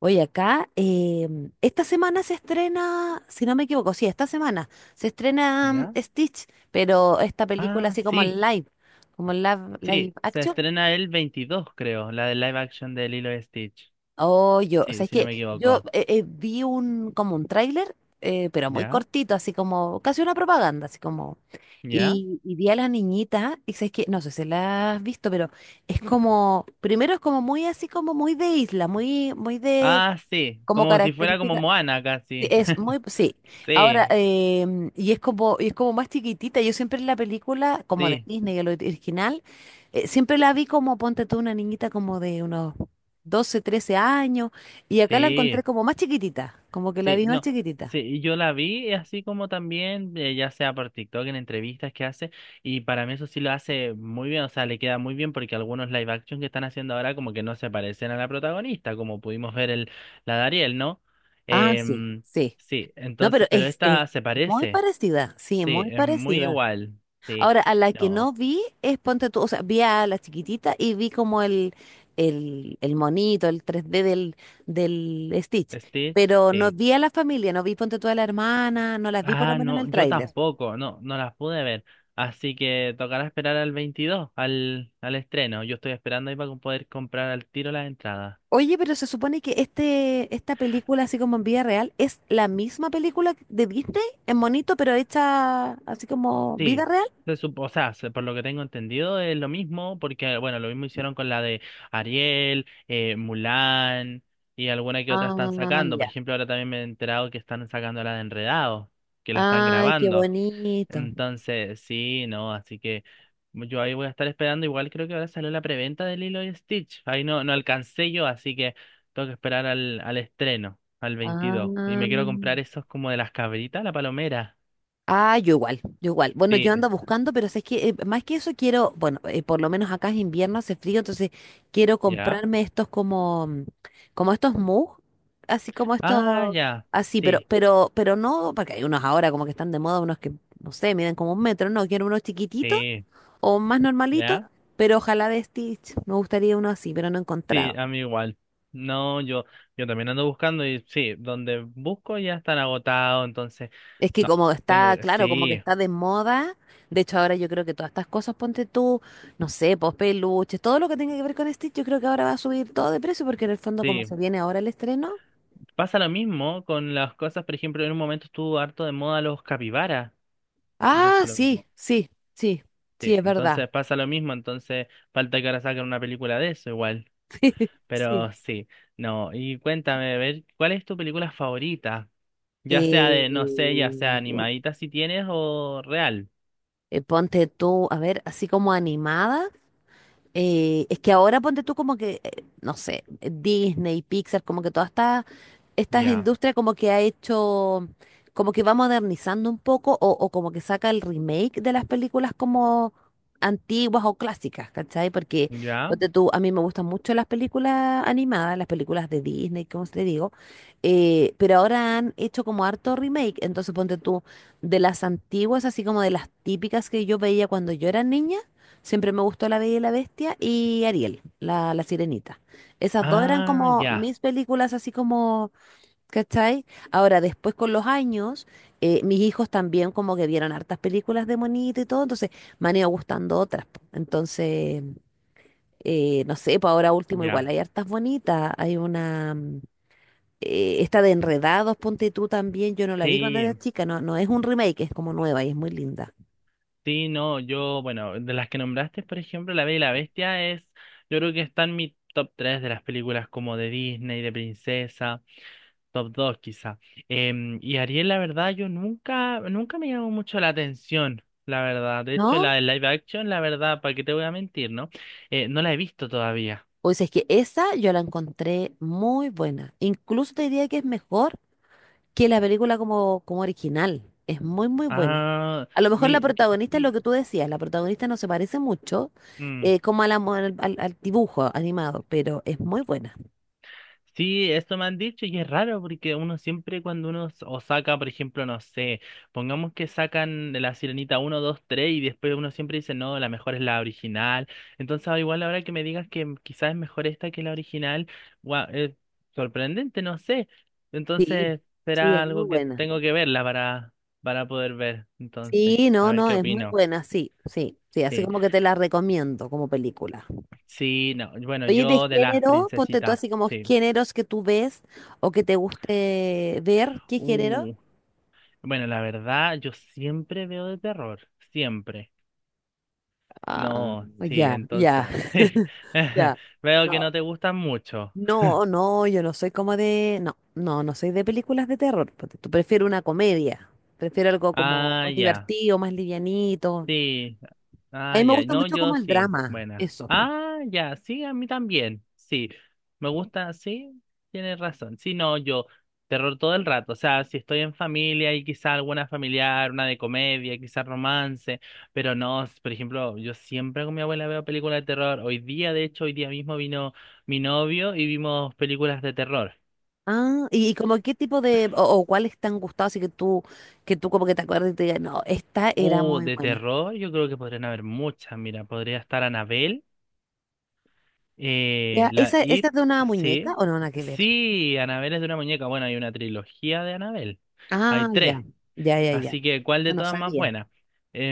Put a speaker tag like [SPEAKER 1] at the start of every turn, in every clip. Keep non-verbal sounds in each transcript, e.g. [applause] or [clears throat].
[SPEAKER 1] Oye, acá, esta semana se estrena, si no me equivoco, sí, esta semana se estrena
[SPEAKER 2] ¿Ya?
[SPEAKER 1] Stitch, pero esta película
[SPEAKER 2] Ah,
[SPEAKER 1] así
[SPEAKER 2] sí,
[SPEAKER 1] como en live, live
[SPEAKER 2] sí. Se
[SPEAKER 1] action.
[SPEAKER 2] estrena el 22, creo, la de live action de Lilo y Stitch.
[SPEAKER 1] Oh, yo, o
[SPEAKER 2] Sí,
[SPEAKER 1] sea, es
[SPEAKER 2] si no me
[SPEAKER 1] que yo
[SPEAKER 2] equivoco.
[SPEAKER 1] vi un, como un tráiler, pero muy
[SPEAKER 2] ¿Ya?
[SPEAKER 1] cortito, así como, casi una propaganda, así como,
[SPEAKER 2] ¿Ya?
[SPEAKER 1] y vi a la niñita, y sabes que, no sé si la has visto, pero es como, primero es como muy así como muy de isla, muy, muy de,
[SPEAKER 2] Ah, sí.
[SPEAKER 1] como
[SPEAKER 2] Como si fuera como
[SPEAKER 1] característica.
[SPEAKER 2] Moana
[SPEAKER 1] Sí,
[SPEAKER 2] casi.
[SPEAKER 1] es muy,
[SPEAKER 2] [laughs]
[SPEAKER 1] sí. Ahora,
[SPEAKER 2] Sí,
[SPEAKER 1] y es como más chiquitita. Yo siempre en la película, como de
[SPEAKER 2] sí,
[SPEAKER 1] Disney, el original, siempre la vi como, ponte tú, una niñita como de unos 12 13 años, y acá la encontré
[SPEAKER 2] sí.
[SPEAKER 1] como más chiquitita, como que la
[SPEAKER 2] Sí,
[SPEAKER 1] vi más
[SPEAKER 2] no,
[SPEAKER 1] chiquitita.
[SPEAKER 2] sí, y yo la vi así como también, ya sea por TikTok, en entrevistas que hace, y para mí eso sí lo hace muy bien, o sea, le queda muy bien porque algunos live action que están haciendo ahora como que no se parecen a la protagonista, como pudimos ver el, la de Ariel, ¿no?
[SPEAKER 1] Ah, sí,
[SPEAKER 2] Em,
[SPEAKER 1] sí.
[SPEAKER 2] sí,
[SPEAKER 1] No, pero
[SPEAKER 2] entonces, pero
[SPEAKER 1] es
[SPEAKER 2] esta se
[SPEAKER 1] muy
[SPEAKER 2] parece,
[SPEAKER 1] parecida, sí,
[SPEAKER 2] sí,
[SPEAKER 1] muy
[SPEAKER 2] es muy
[SPEAKER 1] parecida.
[SPEAKER 2] igual, sí,
[SPEAKER 1] Ahora, a la que
[SPEAKER 2] no,
[SPEAKER 1] no vi es Ponte tú, o sea, vi a la chiquitita y vi como el monito, el 3D del Stitch,
[SPEAKER 2] Stitch,
[SPEAKER 1] pero no
[SPEAKER 2] sí.
[SPEAKER 1] vi a la familia, no vi Ponte tú a la hermana, no las vi por lo
[SPEAKER 2] Ah,
[SPEAKER 1] menos en
[SPEAKER 2] no,
[SPEAKER 1] el
[SPEAKER 2] yo
[SPEAKER 1] tráiler.
[SPEAKER 2] tampoco, no, no las pude ver. Así que tocará esperar al 22, al, al estreno. Yo estoy esperando ahí para poder comprar al tiro las entradas.
[SPEAKER 1] Oye, pero se supone que este, esta película, así como en vida real, es la misma película de Disney en monito, pero hecha así como vida
[SPEAKER 2] Sí,
[SPEAKER 1] real.
[SPEAKER 2] se supo, o sea, por lo que tengo entendido es lo mismo, porque, bueno, lo mismo hicieron con la de Ariel, Mulan y alguna que otra están
[SPEAKER 1] Ah,
[SPEAKER 2] sacando. Por
[SPEAKER 1] ya.
[SPEAKER 2] ejemplo, ahora también me he enterado que están sacando la de Enredados, que la están
[SPEAKER 1] Ay, qué
[SPEAKER 2] grabando.
[SPEAKER 1] bonito.
[SPEAKER 2] Entonces, sí, no, así que yo ahí voy a estar esperando. Igual creo que ahora salió la preventa de Lilo y Stitch. Ahí no, no alcancé yo, así que tengo que esperar al, al estreno, al
[SPEAKER 1] Ah.
[SPEAKER 2] 22. Y me quiero comprar esos como de las cabritas, la palomera.
[SPEAKER 1] Ah, yo igual, yo igual. Bueno, yo
[SPEAKER 2] Sí,
[SPEAKER 1] ando buscando, pero es que más que eso quiero, bueno, por lo menos acá es invierno, hace frío, entonces quiero
[SPEAKER 2] ¿ya?
[SPEAKER 1] comprarme estos como, como estos mugs así como
[SPEAKER 2] Ah,
[SPEAKER 1] estos,
[SPEAKER 2] ya,
[SPEAKER 1] así, pero,
[SPEAKER 2] sí,
[SPEAKER 1] pero no, porque hay unos ahora como que están de moda, unos que, no sé, miden como un metro, no, quiero unos chiquititos
[SPEAKER 2] sí,
[SPEAKER 1] o más normalitos,
[SPEAKER 2] ¿ya?
[SPEAKER 1] pero ojalá de Stitch, me gustaría uno así, pero no he
[SPEAKER 2] Sí,
[SPEAKER 1] encontrado.
[SPEAKER 2] a mí igual. No, yo también ando buscando y sí, donde busco ya están agotados, entonces,
[SPEAKER 1] Es que
[SPEAKER 2] no,
[SPEAKER 1] como
[SPEAKER 2] tengo
[SPEAKER 1] está,
[SPEAKER 2] que,
[SPEAKER 1] claro, como que
[SPEAKER 2] sí.
[SPEAKER 1] está de moda, de hecho ahora yo creo que todas estas cosas, ponte tú, no sé, pues peluches, todo lo que tenga que ver con Stitch, yo creo que ahora va a subir todo de precio porque en el fondo como
[SPEAKER 2] Sí,
[SPEAKER 1] se viene ahora el estreno.
[SPEAKER 2] pasa lo mismo con las cosas, por ejemplo, en un momento estuvo harto de moda los capibaras. Entonces
[SPEAKER 1] Ah,
[SPEAKER 2] lo mismo.
[SPEAKER 1] sí, sí, sí, sí,
[SPEAKER 2] Sí,
[SPEAKER 1] es verdad.
[SPEAKER 2] entonces pasa lo mismo, entonces falta que ahora saquen una película de eso igual.
[SPEAKER 1] [laughs] Sí, sí.
[SPEAKER 2] Pero sí, no. Y cuéntame, a ver, ¿cuál es tu película favorita? Ya sea de, no sé,
[SPEAKER 1] Eh,
[SPEAKER 2] ya sea animadita si tienes o real.
[SPEAKER 1] ponte tú, a ver, así como animada. Es que ahora ponte tú como que, no sé, Disney, Pixar, como que esta
[SPEAKER 2] Ya,
[SPEAKER 1] industria como que ha hecho, como que va modernizando un poco o como que saca el remake de las películas como antiguas o clásicas, ¿cachai? Porque
[SPEAKER 2] ya.
[SPEAKER 1] ponte tú, a mí me gustan mucho las películas animadas, las películas de Disney, como te digo, pero ahora han hecho como harto remake, entonces ponte tú, de las antiguas, así como de las típicas que yo veía cuando yo era niña. Siempre me gustó La Bella y la Bestia y Ariel, la Sirenita. Esas dos eran
[SPEAKER 2] Ah,
[SPEAKER 1] como
[SPEAKER 2] ya,
[SPEAKER 1] mis películas, así como, ¿cachai? Ahora, después con los años, mis hijos también como que vieron hartas películas de monito y todo, entonces me han ido gustando otras. Po. Entonces, no sé, pues ahora último
[SPEAKER 2] ya.
[SPEAKER 1] igual, hay hartas bonitas, hay una... esta de Enredados, ponte tú también, yo no la vi cuando
[SPEAKER 2] Sí,
[SPEAKER 1] era chica, no, no es un remake, es como nueva y es muy linda.
[SPEAKER 2] sí, no, yo, bueno, de las que nombraste, por ejemplo, La Bella y la Bestia es, yo creo que está en mi top 3 de las películas como de Disney, de princesa, top 2 quizá. Y Ariel, la verdad, yo nunca, nunca me llamó mucho la atención, la verdad. De hecho,
[SPEAKER 1] ¿No?
[SPEAKER 2] la de live action, la verdad, ¿para qué te voy a mentir, no? No la he visto todavía.
[SPEAKER 1] O sea, es que esa yo la encontré muy buena. Incluso te diría que es mejor que la película como, como original. Es muy, muy buena.
[SPEAKER 2] Ah,
[SPEAKER 1] A lo mejor la
[SPEAKER 2] mi,
[SPEAKER 1] protagonista es lo
[SPEAKER 2] sí.
[SPEAKER 1] que tú decías, la protagonista no se parece mucho
[SPEAKER 2] mm.
[SPEAKER 1] como a la al, al dibujo animado, pero es muy buena.
[SPEAKER 2] Sí, eso me han dicho y es raro porque uno siempre cuando uno o saca, por ejemplo, no sé, pongamos que sacan de la Sirenita uno, 2, 3 y después uno siempre dice, no, la mejor es la original. Entonces, ah, igual ahora que me digas que quizás es mejor esta que la original, guau, es sorprendente, no sé.
[SPEAKER 1] Sí,
[SPEAKER 2] Entonces,
[SPEAKER 1] sí,
[SPEAKER 2] será
[SPEAKER 1] es muy
[SPEAKER 2] algo que
[SPEAKER 1] buena.
[SPEAKER 2] tengo que verla para poder ver. Entonces,
[SPEAKER 1] Sí,
[SPEAKER 2] a
[SPEAKER 1] no,
[SPEAKER 2] ver
[SPEAKER 1] no,
[SPEAKER 2] qué
[SPEAKER 1] es muy
[SPEAKER 2] opino.
[SPEAKER 1] buena, sí, sí, sí, así
[SPEAKER 2] Sí,
[SPEAKER 1] como que te la recomiendo como película.
[SPEAKER 2] sí, no. Bueno,
[SPEAKER 1] Oye, de
[SPEAKER 2] yo de las
[SPEAKER 1] género, ponte tú
[SPEAKER 2] princesitas,
[SPEAKER 1] así como
[SPEAKER 2] sí.
[SPEAKER 1] géneros que tú ves o que te guste ver, ¿qué género?
[SPEAKER 2] Uh. Bueno, la verdad, yo siempre veo de terror, siempre. No, sí,
[SPEAKER 1] Ya, ya,
[SPEAKER 2] entonces, [laughs] sí.
[SPEAKER 1] [laughs]
[SPEAKER 2] [laughs]
[SPEAKER 1] ya.
[SPEAKER 2] Veo que
[SPEAKER 1] No,
[SPEAKER 2] no te gustan mucho.
[SPEAKER 1] no, no, yo no soy como de, no, no, no soy de películas de terror. Porque tú prefiero una comedia, prefiero algo como
[SPEAKER 2] Ah,
[SPEAKER 1] más
[SPEAKER 2] ya.
[SPEAKER 1] divertido, más livianito.
[SPEAKER 2] Sí.
[SPEAKER 1] A
[SPEAKER 2] Ah,
[SPEAKER 1] mí me
[SPEAKER 2] ya.
[SPEAKER 1] gusta
[SPEAKER 2] No,
[SPEAKER 1] mucho
[SPEAKER 2] yo
[SPEAKER 1] como el
[SPEAKER 2] sí.
[SPEAKER 1] drama,
[SPEAKER 2] Buena.
[SPEAKER 1] eso.
[SPEAKER 2] Ah, ya. Sí, a mí también. Sí. Me gusta. Sí, tienes razón. Sí, no, yo. Terror todo el rato. O sea, si estoy en familia y quizá alguna familiar, una de comedia, quizá romance. Pero no, por ejemplo, yo siempre con mi abuela veo películas de terror. Hoy día, de hecho, hoy día mismo vino mi novio y vimos películas de terror.
[SPEAKER 1] Ah, y como qué tipo de, o cuáles te han gustado, así que tú como que te acuerdas y te digas, no, esta era muy
[SPEAKER 2] De
[SPEAKER 1] buena.
[SPEAKER 2] terror, yo creo que podrían haber muchas. Mira, podría estar Anabel.
[SPEAKER 1] Ya,
[SPEAKER 2] La
[SPEAKER 1] ¿esa, esa
[SPEAKER 2] It,
[SPEAKER 1] es de una muñeca
[SPEAKER 2] sí.
[SPEAKER 1] o no, nada que ver?
[SPEAKER 2] Sí, Anabel es de una muñeca. Bueno, hay una trilogía de Anabel.
[SPEAKER 1] Ah,
[SPEAKER 2] Hay
[SPEAKER 1] ya,
[SPEAKER 2] tres.
[SPEAKER 1] ya, ya, ya.
[SPEAKER 2] Así que, ¿cuál
[SPEAKER 1] No,
[SPEAKER 2] de
[SPEAKER 1] no
[SPEAKER 2] todas más
[SPEAKER 1] sabía.
[SPEAKER 2] buena?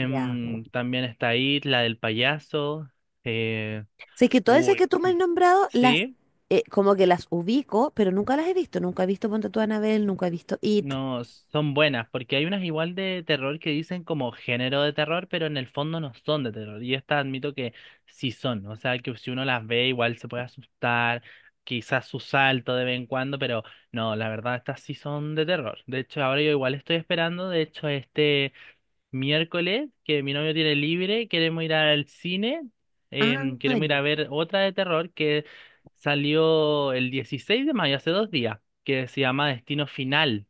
[SPEAKER 1] Ya.
[SPEAKER 2] También está It, la del payaso. Eh,
[SPEAKER 1] Sí, que todas esas que
[SPEAKER 2] uy,
[SPEAKER 1] tú me has
[SPEAKER 2] [clears throat]
[SPEAKER 1] nombrado, las
[SPEAKER 2] sí.
[SPEAKER 1] como que las ubico, pero nunca las he visto. Nunca he visto Ponte tú Anabel, nunca he visto It.
[SPEAKER 2] No, son buenas, porque hay unas igual de terror que dicen como género de terror, pero en el fondo no son de terror. Y estas admito que sí son, o sea, que si uno las ve igual se puede asustar, quizás su salto de vez en cuando, pero no, la verdad estas sí son de terror. De hecho, ahora yo igual estoy esperando, de hecho, este miércoles que mi novio tiene libre, queremos ir al cine,
[SPEAKER 1] Ah,
[SPEAKER 2] queremos ir a
[SPEAKER 1] ya.
[SPEAKER 2] ver otra de terror que salió el 16 de mayo, hace dos días, que se llama Destino Final.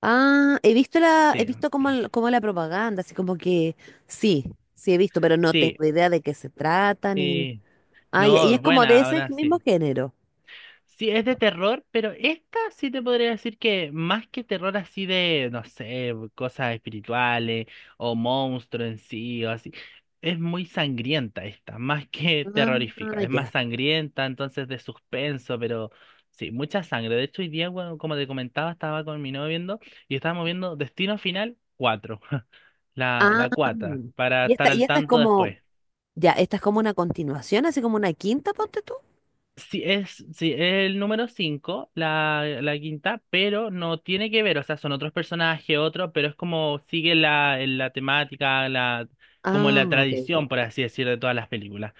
[SPEAKER 1] Ah, he visto la, he
[SPEAKER 2] Sí,
[SPEAKER 1] visto como, como la propaganda, así como que sí, sí he visto, pero no
[SPEAKER 2] sí,
[SPEAKER 1] tengo idea de qué se trata ni.
[SPEAKER 2] sí.
[SPEAKER 1] Ah, ya, y
[SPEAKER 2] No,
[SPEAKER 1] es
[SPEAKER 2] es
[SPEAKER 1] como de
[SPEAKER 2] buena,
[SPEAKER 1] ese
[SPEAKER 2] ahora
[SPEAKER 1] mismo
[SPEAKER 2] sí.
[SPEAKER 1] género.
[SPEAKER 2] Sí, es de terror, pero esta sí te podría decir que más que terror así de, no sé, cosas espirituales o monstruos en sí o así, es muy sangrienta esta, más que
[SPEAKER 1] Ah,
[SPEAKER 2] terrorífica, es más
[SPEAKER 1] ya.
[SPEAKER 2] sangrienta, entonces de suspenso, pero sí, mucha sangre. De hecho, hoy día, bueno, como te comentaba, estaba con mi novio viendo y estábamos viendo Destino Final 4, [laughs] la,
[SPEAKER 1] Ah,
[SPEAKER 2] la cuata, para estar
[SPEAKER 1] y
[SPEAKER 2] al
[SPEAKER 1] esta es
[SPEAKER 2] tanto
[SPEAKER 1] como,
[SPEAKER 2] después.
[SPEAKER 1] ya, esta es como una continuación, así como una quinta, ponte tú.
[SPEAKER 2] Sí, es el número 5 la, la quinta, pero no tiene que ver, o sea, son otros personajes, otros, pero es como sigue la, la temática, la, como
[SPEAKER 1] Ah,
[SPEAKER 2] la
[SPEAKER 1] ok.
[SPEAKER 2] tradición, por así decirlo, de todas las películas.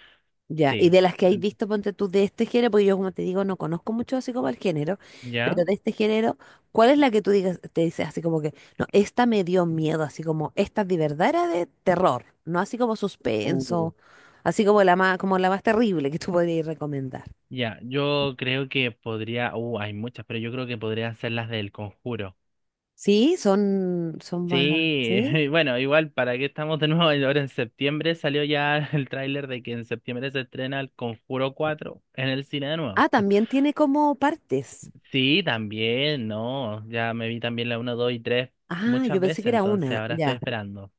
[SPEAKER 1] Ya, y
[SPEAKER 2] Sí,
[SPEAKER 1] de las que hay
[SPEAKER 2] Ent-
[SPEAKER 1] visto, ponte tú de este género, porque yo como te digo, no conozco mucho así como el género,
[SPEAKER 2] ¿ya?
[SPEAKER 1] pero de este género, ¿cuál es la que tú digas, te dices así como que, no, esta me dio miedo, así como, esta de verdad era de terror, no así como
[SPEAKER 2] Uh.
[SPEAKER 1] suspenso, así como la más terrible que tú podrías recomendar?
[SPEAKER 2] Ya, yo creo que podría, hay muchas, pero yo creo que podrían ser las del Conjuro.
[SPEAKER 1] Sí, son, son más,
[SPEAKER 2] Sí,
[SPEAKER 1] ¿sí?
[SPEAKER 2] [laughs] bueno, igual, ¿para qué estamos de nuevo? Ahora en septiembre salió ya [laughs] el tráiler de que en septiembre se estrena el Conjuro 4 en el cine de nuevo.
[SPEAKER 1] Ah, también tiene como partes.
[SPEAKER 2] Sí, también, no, ya me vi también la uno 2 y 3
[SPEAKER 1] Ah, yo
[SPEAKER 2] muchas
[SPEAKER 1] pensé
[SPEAKER 2] veces,
[SPEAKER 1] que era
[SPEAKER 2] entonces
[SPEAKER 1] una,
[SPEAKER 2] ahora estoy
[SPEAKER 1] ya.
[SPEAKER 2] esperando.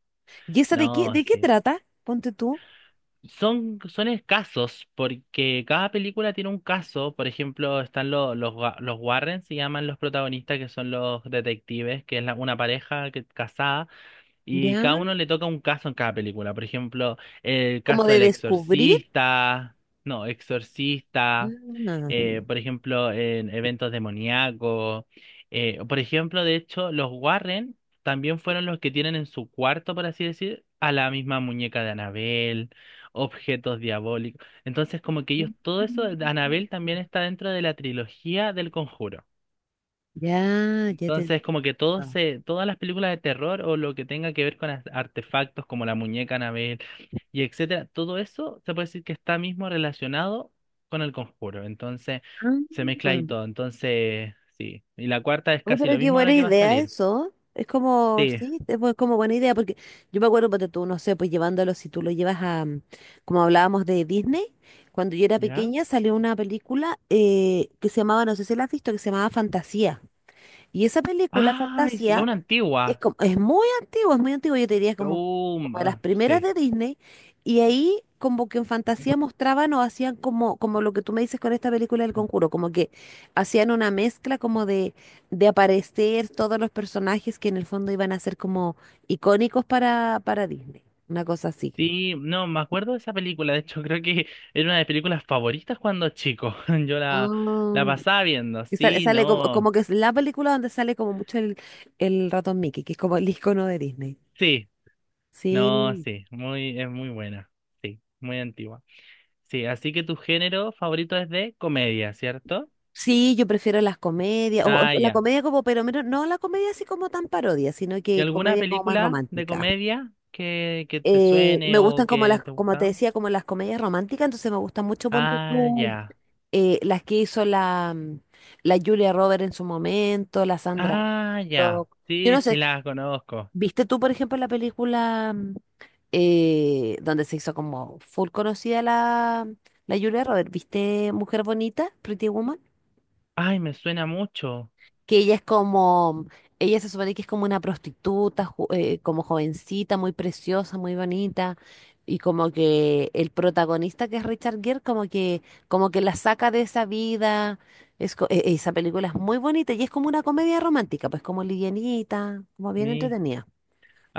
[SPEAKER 1] ¿Y esa
[SPEAKER 2] No,
[SPEAKER 1] de qué
[SPEAKER 2] sí.
[SPEAKER 1] trata? Ponte tú,
[SPEAKER 2] Son, son escasos porque cada película tiene un caso, por ejemplo, están los los Warren, se llaman los protagonistas, que son los detectives, que es una pareja que, casada. Y cada
[SPEAKER 1] ya,
[SPEAKER 2] uno le toca un caso en cada película. Por ejemplo, el
[SPEAKER 1] como
[SPEAKER 2] caso
[SPEAKER 1] de
[SPEAKER 2] del
[SPEAKER 1] descubrir.
[SPEAKER 2] exorcista. No, exorcista.
[SPEAKER 1] Ah.
[SPEAKER 2] Por ejemplo, en eventos demoníacos. Por ejemplo, de hecho, los Warren también fueron los que tienen en su cuarto, por así decir, a la misma muñeca de Annabelle, objetos diabólicos. Entonces, como que ellos, todo eso, Annabelle también está dentro de la trilogía del Conjuro.
[SPEAKER 1] Ya, ya te
[SPEAKER 2] Entonces, como que todo
[SPEAKER 1] entiendo.
[SPEAKER 2] se, todas las películas de terror o lo que tenga que ver con artefactos como la muñeca Anabel y etcétera, todo eso se puede decir que está mismo relacionado con el conjuro. Entonces,
[SPEAKER 1] Ah,
[SPEAKER 2] se mezcla ahí todo. Entonces, sí. Y la cuarta es
[SPEAKER 1] uy,
[SPEAKER 2] casi
[SPEAKER 1] pero
[SPEAKER 2] lo
[SPEAKER 1] qué
[SPEAKER 2] mismo
[SPEAKER 1] buena
[SPEAKER 2] ahora que va a
[SPEAKER 1] idea
[SPEAKER 2] salir.
[SPEAKER 1] eso. Es como,
[SPEAKER 2] Sí.
[SPEAKER 1] sí, es como buena idea, porque yo me acuerdo, porque tú, no sé, pues llevándolo, si tú lo llevas a, como hablábamos de Disney, cuando yo era
[SPEAKER 2] ¿Ya?
[SPEAKER 1] pequeña salió una película que se llamaba, no sé si la has visto, que se llamaba Fantasía. Y esa película,
[SPEAKER 2] Ah, es
[SPEAKER 1] Fantasía,
[SPEAKER 2] una
[SPEAKER 1] es
[SPEAKER 2] antigua.
[SPEAKER 1] como, es muy antiguo, yo te diría como, como de las
[SPEAKER 2] Ah,
[SPEAKER 1] primeras
[SPEAKER 2] sí.
[SPEAKER 1] de Disney, y ahí como que en fantasía mostraban o hacían como, como lo que tú me dices con esta película del Conjuro, como que hacían una mezcla como de aparecer todos los personajes que en el fondo iban a ser como icónicos para Disney, una cosa así.
[SPEAKER 2] Sí, no, me acuerdo de esa película. De hecho, [laughs] creo que era una de mis películas favoritas cuando chico. [laughs] Yo la, la
[SPEAKER 1] Ah,
[SPEAKER 2] pasaba viendo.
[SPEAKER 1] y sale,
[SPEAKER 2] Sí,
[SPEAKER 1] sale como,
[SPEAKER 2] no.
[SPEAKER 1] como que es la película donde sale como mucho el ratón Mickey, que es como el [laughs] icono de Disney.
[SPEAKER 2] Sí, no,
[SPEAKER 1] Sí.
[SPEAKER 2] sí, muy, es muy buena. Sí, muy antigua. Sí, así que tu género favorito es de comedia, ¿cierto?
[SPEAKER 1] Sí, yo prefiero las comedias, o
[SPEAKER 2] Ah,
[SPEAKER 1] la
[SPEAKER 2] ya.
[SPEAKER 1] comedia como, pero menos, no la comedia así como tan parodia, sino
[SPEAKER 2] ¿Y
[SPEAKER 1] que
[SPEAKER 2] alguna
[SPEAKER 1] comedia como más
[SPEAKER 2] película de
[SPEAKER 1] romántica.
[SPEAKER 2] comedia que te
[SPEAKER 1] Me
[SPEAKER 2] suene
[SPEAKER 1] gustan
[SPEAKER 2] o
[SPEAKER 1] como las,
[SPEAKER 2] que te ha
[SPEAKER 1] como te
[SPEAKER 2] gustado?
[SPEAKER 1] decía, como las comedias románticas, entonces me gustan mucho, ponte
[SPEAKER 2] Ah,
[SPEAKER 1] tú,
[SPEAKER 2] ya.
[SPEAKER 1] las que hizo la, la Julia Roberts en su momento, la Sandra
[SPEAKER 2] Ah, ya.
[SPEAKER 1] Bullock. Yo
[SPEAKER 2] Sí,
[SPEAKER 1] no
[SPEAKER 2] sí,
[SPEAKER 1] sé,
[SPEAKER 2] la conozco.
[SPEAKER 1] ¿viste tú, por ejemplo, la película donde se hizo como full conocida la, la Julia Roberts? ¿Viste Mujer Bonita, Pretty Woman?
[SPEAKER 2] Ay, me suena mucho.
[SPEAKER 1] Que ella es como, ella se supone que es como una prostituta, como jovencita, muy preciosa, muy bonita, y como que el protagonista que es Richard Gere, como que la saca de esa vida, esa película es muy bonita y es como una comedia romántica, pues como livianita, como bien
[SPEAKER 2] Mi...
[SPEAKER 1] entretenida.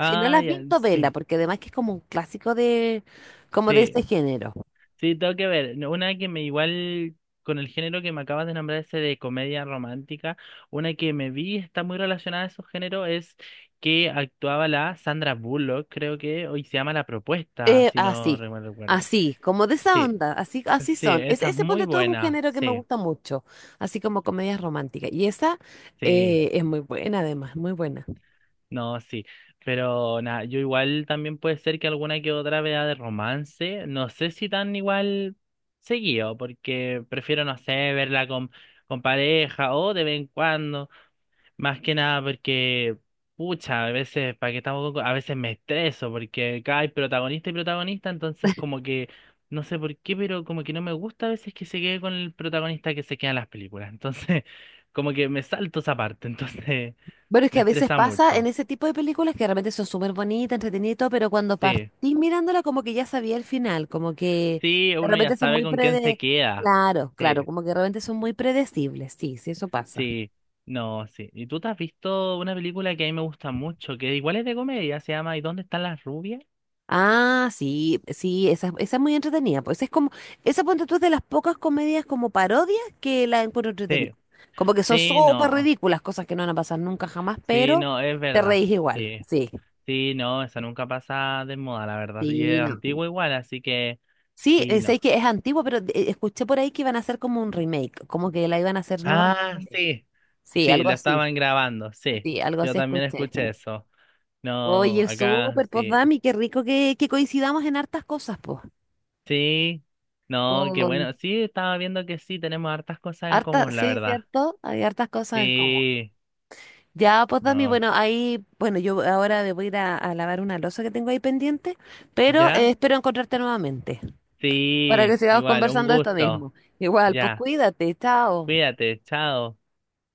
[SPEAKER 1] Si no la has
[SPEAKER 2] ya,
[SPEAKER 1] visto, vela,
[SPEAKER 2] sí.
[SPEAKER 1] porque además que es como un clásico de, como de ese
[SPEAKER 2] Sí,
[SPEAKER 1] género.
[SPEAKER 2] sí, tengo que ver. No, una que me igual con el género que me acabas de nombrar, ese de comedia romántica, una que me vi está muy relacionada a esos géneros, es que actuaba la Sandra Bullock, creo que hoy se llama La Propuesta, si no
[SPEAKER 1] Así,
[SPEAKER 2] mal recuerdo.
[SPEAKER 1] así, como de esa
[SPEAKER 2] Sí,
[SPEAKER 1] onda, así, así
[SPEAKER 2] sí,
[SPEAKER 1] son. Es,
[SPEAKER 2] esa es
[SPEAKER 1] ese
[SPEAKER 2] muy
[SPEAKER 1] ponte todo es un
[SPEAKER 2] buena,
[SPEAKER 1] género que me
[SPEAKER 2] sí,
[SPEAKER 1] gusta mucho, así como comedias románticas. Y esa
[SPEAKER 2] sí.
[SPEAKER 1] es muy buena, además, muy buena.
[SPEAKER 2] No, sí, pero nada, yo igual también puede ser que alguna que otra vea de romance, no sé si tan igual seguido, porque prefiero, no sé, verla con pareja o de vez en cuando, más que nada porque, pucha, a veces, para que estamos, a veces me estreso, porque acá hay protagonista y protagonista, entonces como que, no sé por qué, pero como que no me gusta a veces que se quede con el protagonista que se queda en las películas, entonces [laughs] como que me salto esa parte, entonces
[SPEAKER 1] Bueno, es
[SPEAKER 2] [laughs] me
[SPEAKER 1] que a veces
[SPEAKER 2] estresa
[SPEAKER 1] pasa en
[SPEAKER 2] mucho.
[SPEAKER 1] ese tipo de películas que realmente son súper bonitas, entretenidas, y todo, pero cuando
[SPEAKER 2] Sí.
[SPEAKER 1] partís mirándola como que ya sabía el final, como que
[SPEAKER 2] Sí,
[SPEAKER 1] de
[SPEAKER 2] uno ya
[SPEAKER 1] repente son
[SPEAKER 2] sabe
[SPEAKER 1] muy
[SPEAKER 2] con quién se
[SPEAKER 1] prede...
[SPEAKER 2] queda.
[SPEAKER 1] Claro, claro,
[SPEAKER 2] Sí,
[SPEAKER 1] como que realmente son muy predecibles, sí, sí, eso pasa.
[SPEAKER 2] sí, no, sí. ¿Y tú te has visto una película que a mí me gusta mucho, que igual es de comedia, se llama ¿Y dónde están las rubias?
[SPEAKER 1] Ah, sí, sí, esa es muy entretenida. Pues es como, esa ponte tú es de las pocas comedias como parodias que la encuentro entretenida.
[SPEAKER 2] Sí,
[SPEAKER 1] Como que son
[SPEAKER 2] sí,
[SPEAKER 1] súper
[SPEAKER 2] no,
[SPEAKER 1] ridículas, cosas que no van a pasar nunca jamás,
[SPEAKER 2] sí,
[SPEAKER 1] pero
[SPEAKER 2] no, es
[SPEAKER 1] te
[SPEAKER 2] verdad.
[SPEAKER 1] reís igual.
[SPEAKER 2] Sí,
[SPEAKER 1] Sí,
[SPEAKER 2] sí, no, esa nunca pasa de moda, la verdad. Y
[SPEAKER 1] sí,
[SPEAKER 2] es
[SPEAKER 1] no.
[SPEAKER 2] antigua igual, así que
[SPEAKER 1] Sí,
[SPEAKER 2] sí, no.
[SPEAKER 1] sé que es antiguo, pero escuché por ahí que iban a hacer como un remake, como que la iban a hacer nuevamente.
[SPEAKER 2] Ah, sí,
[SPEAKER 1] Sí,
[SPEAKER 2] sí,
[SPEAKER 1] algo
[SPEAKER 2] la
[SPEAKER 1] así.
[SPEAKER 2] estaban grabando, sí.
[SPEAKER 1] Sí, algo
[SPEAKER 2] Yo
[SPEAKER 1] así
[SPEAKER 2] también
[SPEAKER 1] escuché.
[SPEAKER 2] escuché eso. No,
[SPEAKER 1] Oye,
[SPEAKER 2] acá
[SPEAKER 1] súper, pues
[SPEAKER 2] sí.
[SPEAKER 1] Dami, qué rico que coincidamos en hartas cosas, pues.
[SPEAKER 2] Sí, no, qué
[SPEAKER 1] Con
[SPEAKER 2] bueno. Sí, estaba viendo que sí, tenemos hartas cosas en
[SPEAKER 1] hartas,
[SPEAKER 2] común, la
[SPEAKER 1] sí,
[SPEAKER 2] verdad.
[SPEAKER 1] ¿cierto? Hay hartas cosas en común.
[SPEAKER 2] Sí,
[SPEAKER 1] Ya, pues Dami,
[SPEAKER 2] no.
[SPEAKER 1] bueno, ahí, bueno, yo ahora me voy a ir a lavar una losa que tengo ahí pendiente, pero
[SPEAKER 2] ¿Ya?
[SPEAKER 1] espero encontrarte nuevamente para que
[SPEAKER 2] Sí,
[SPEAKER 1] sigamos
[SPEAKER 2] igual, un
[SPEAKER 1] conversando de esto
[SPEAKER 2] gusto.
[SPEAKER 1] mismo. Igual, pues
[SPEAKER 2] Ya,
[SPEAKER 1] cuídate, chao.
[SPEAKER 2] cuídate, chao.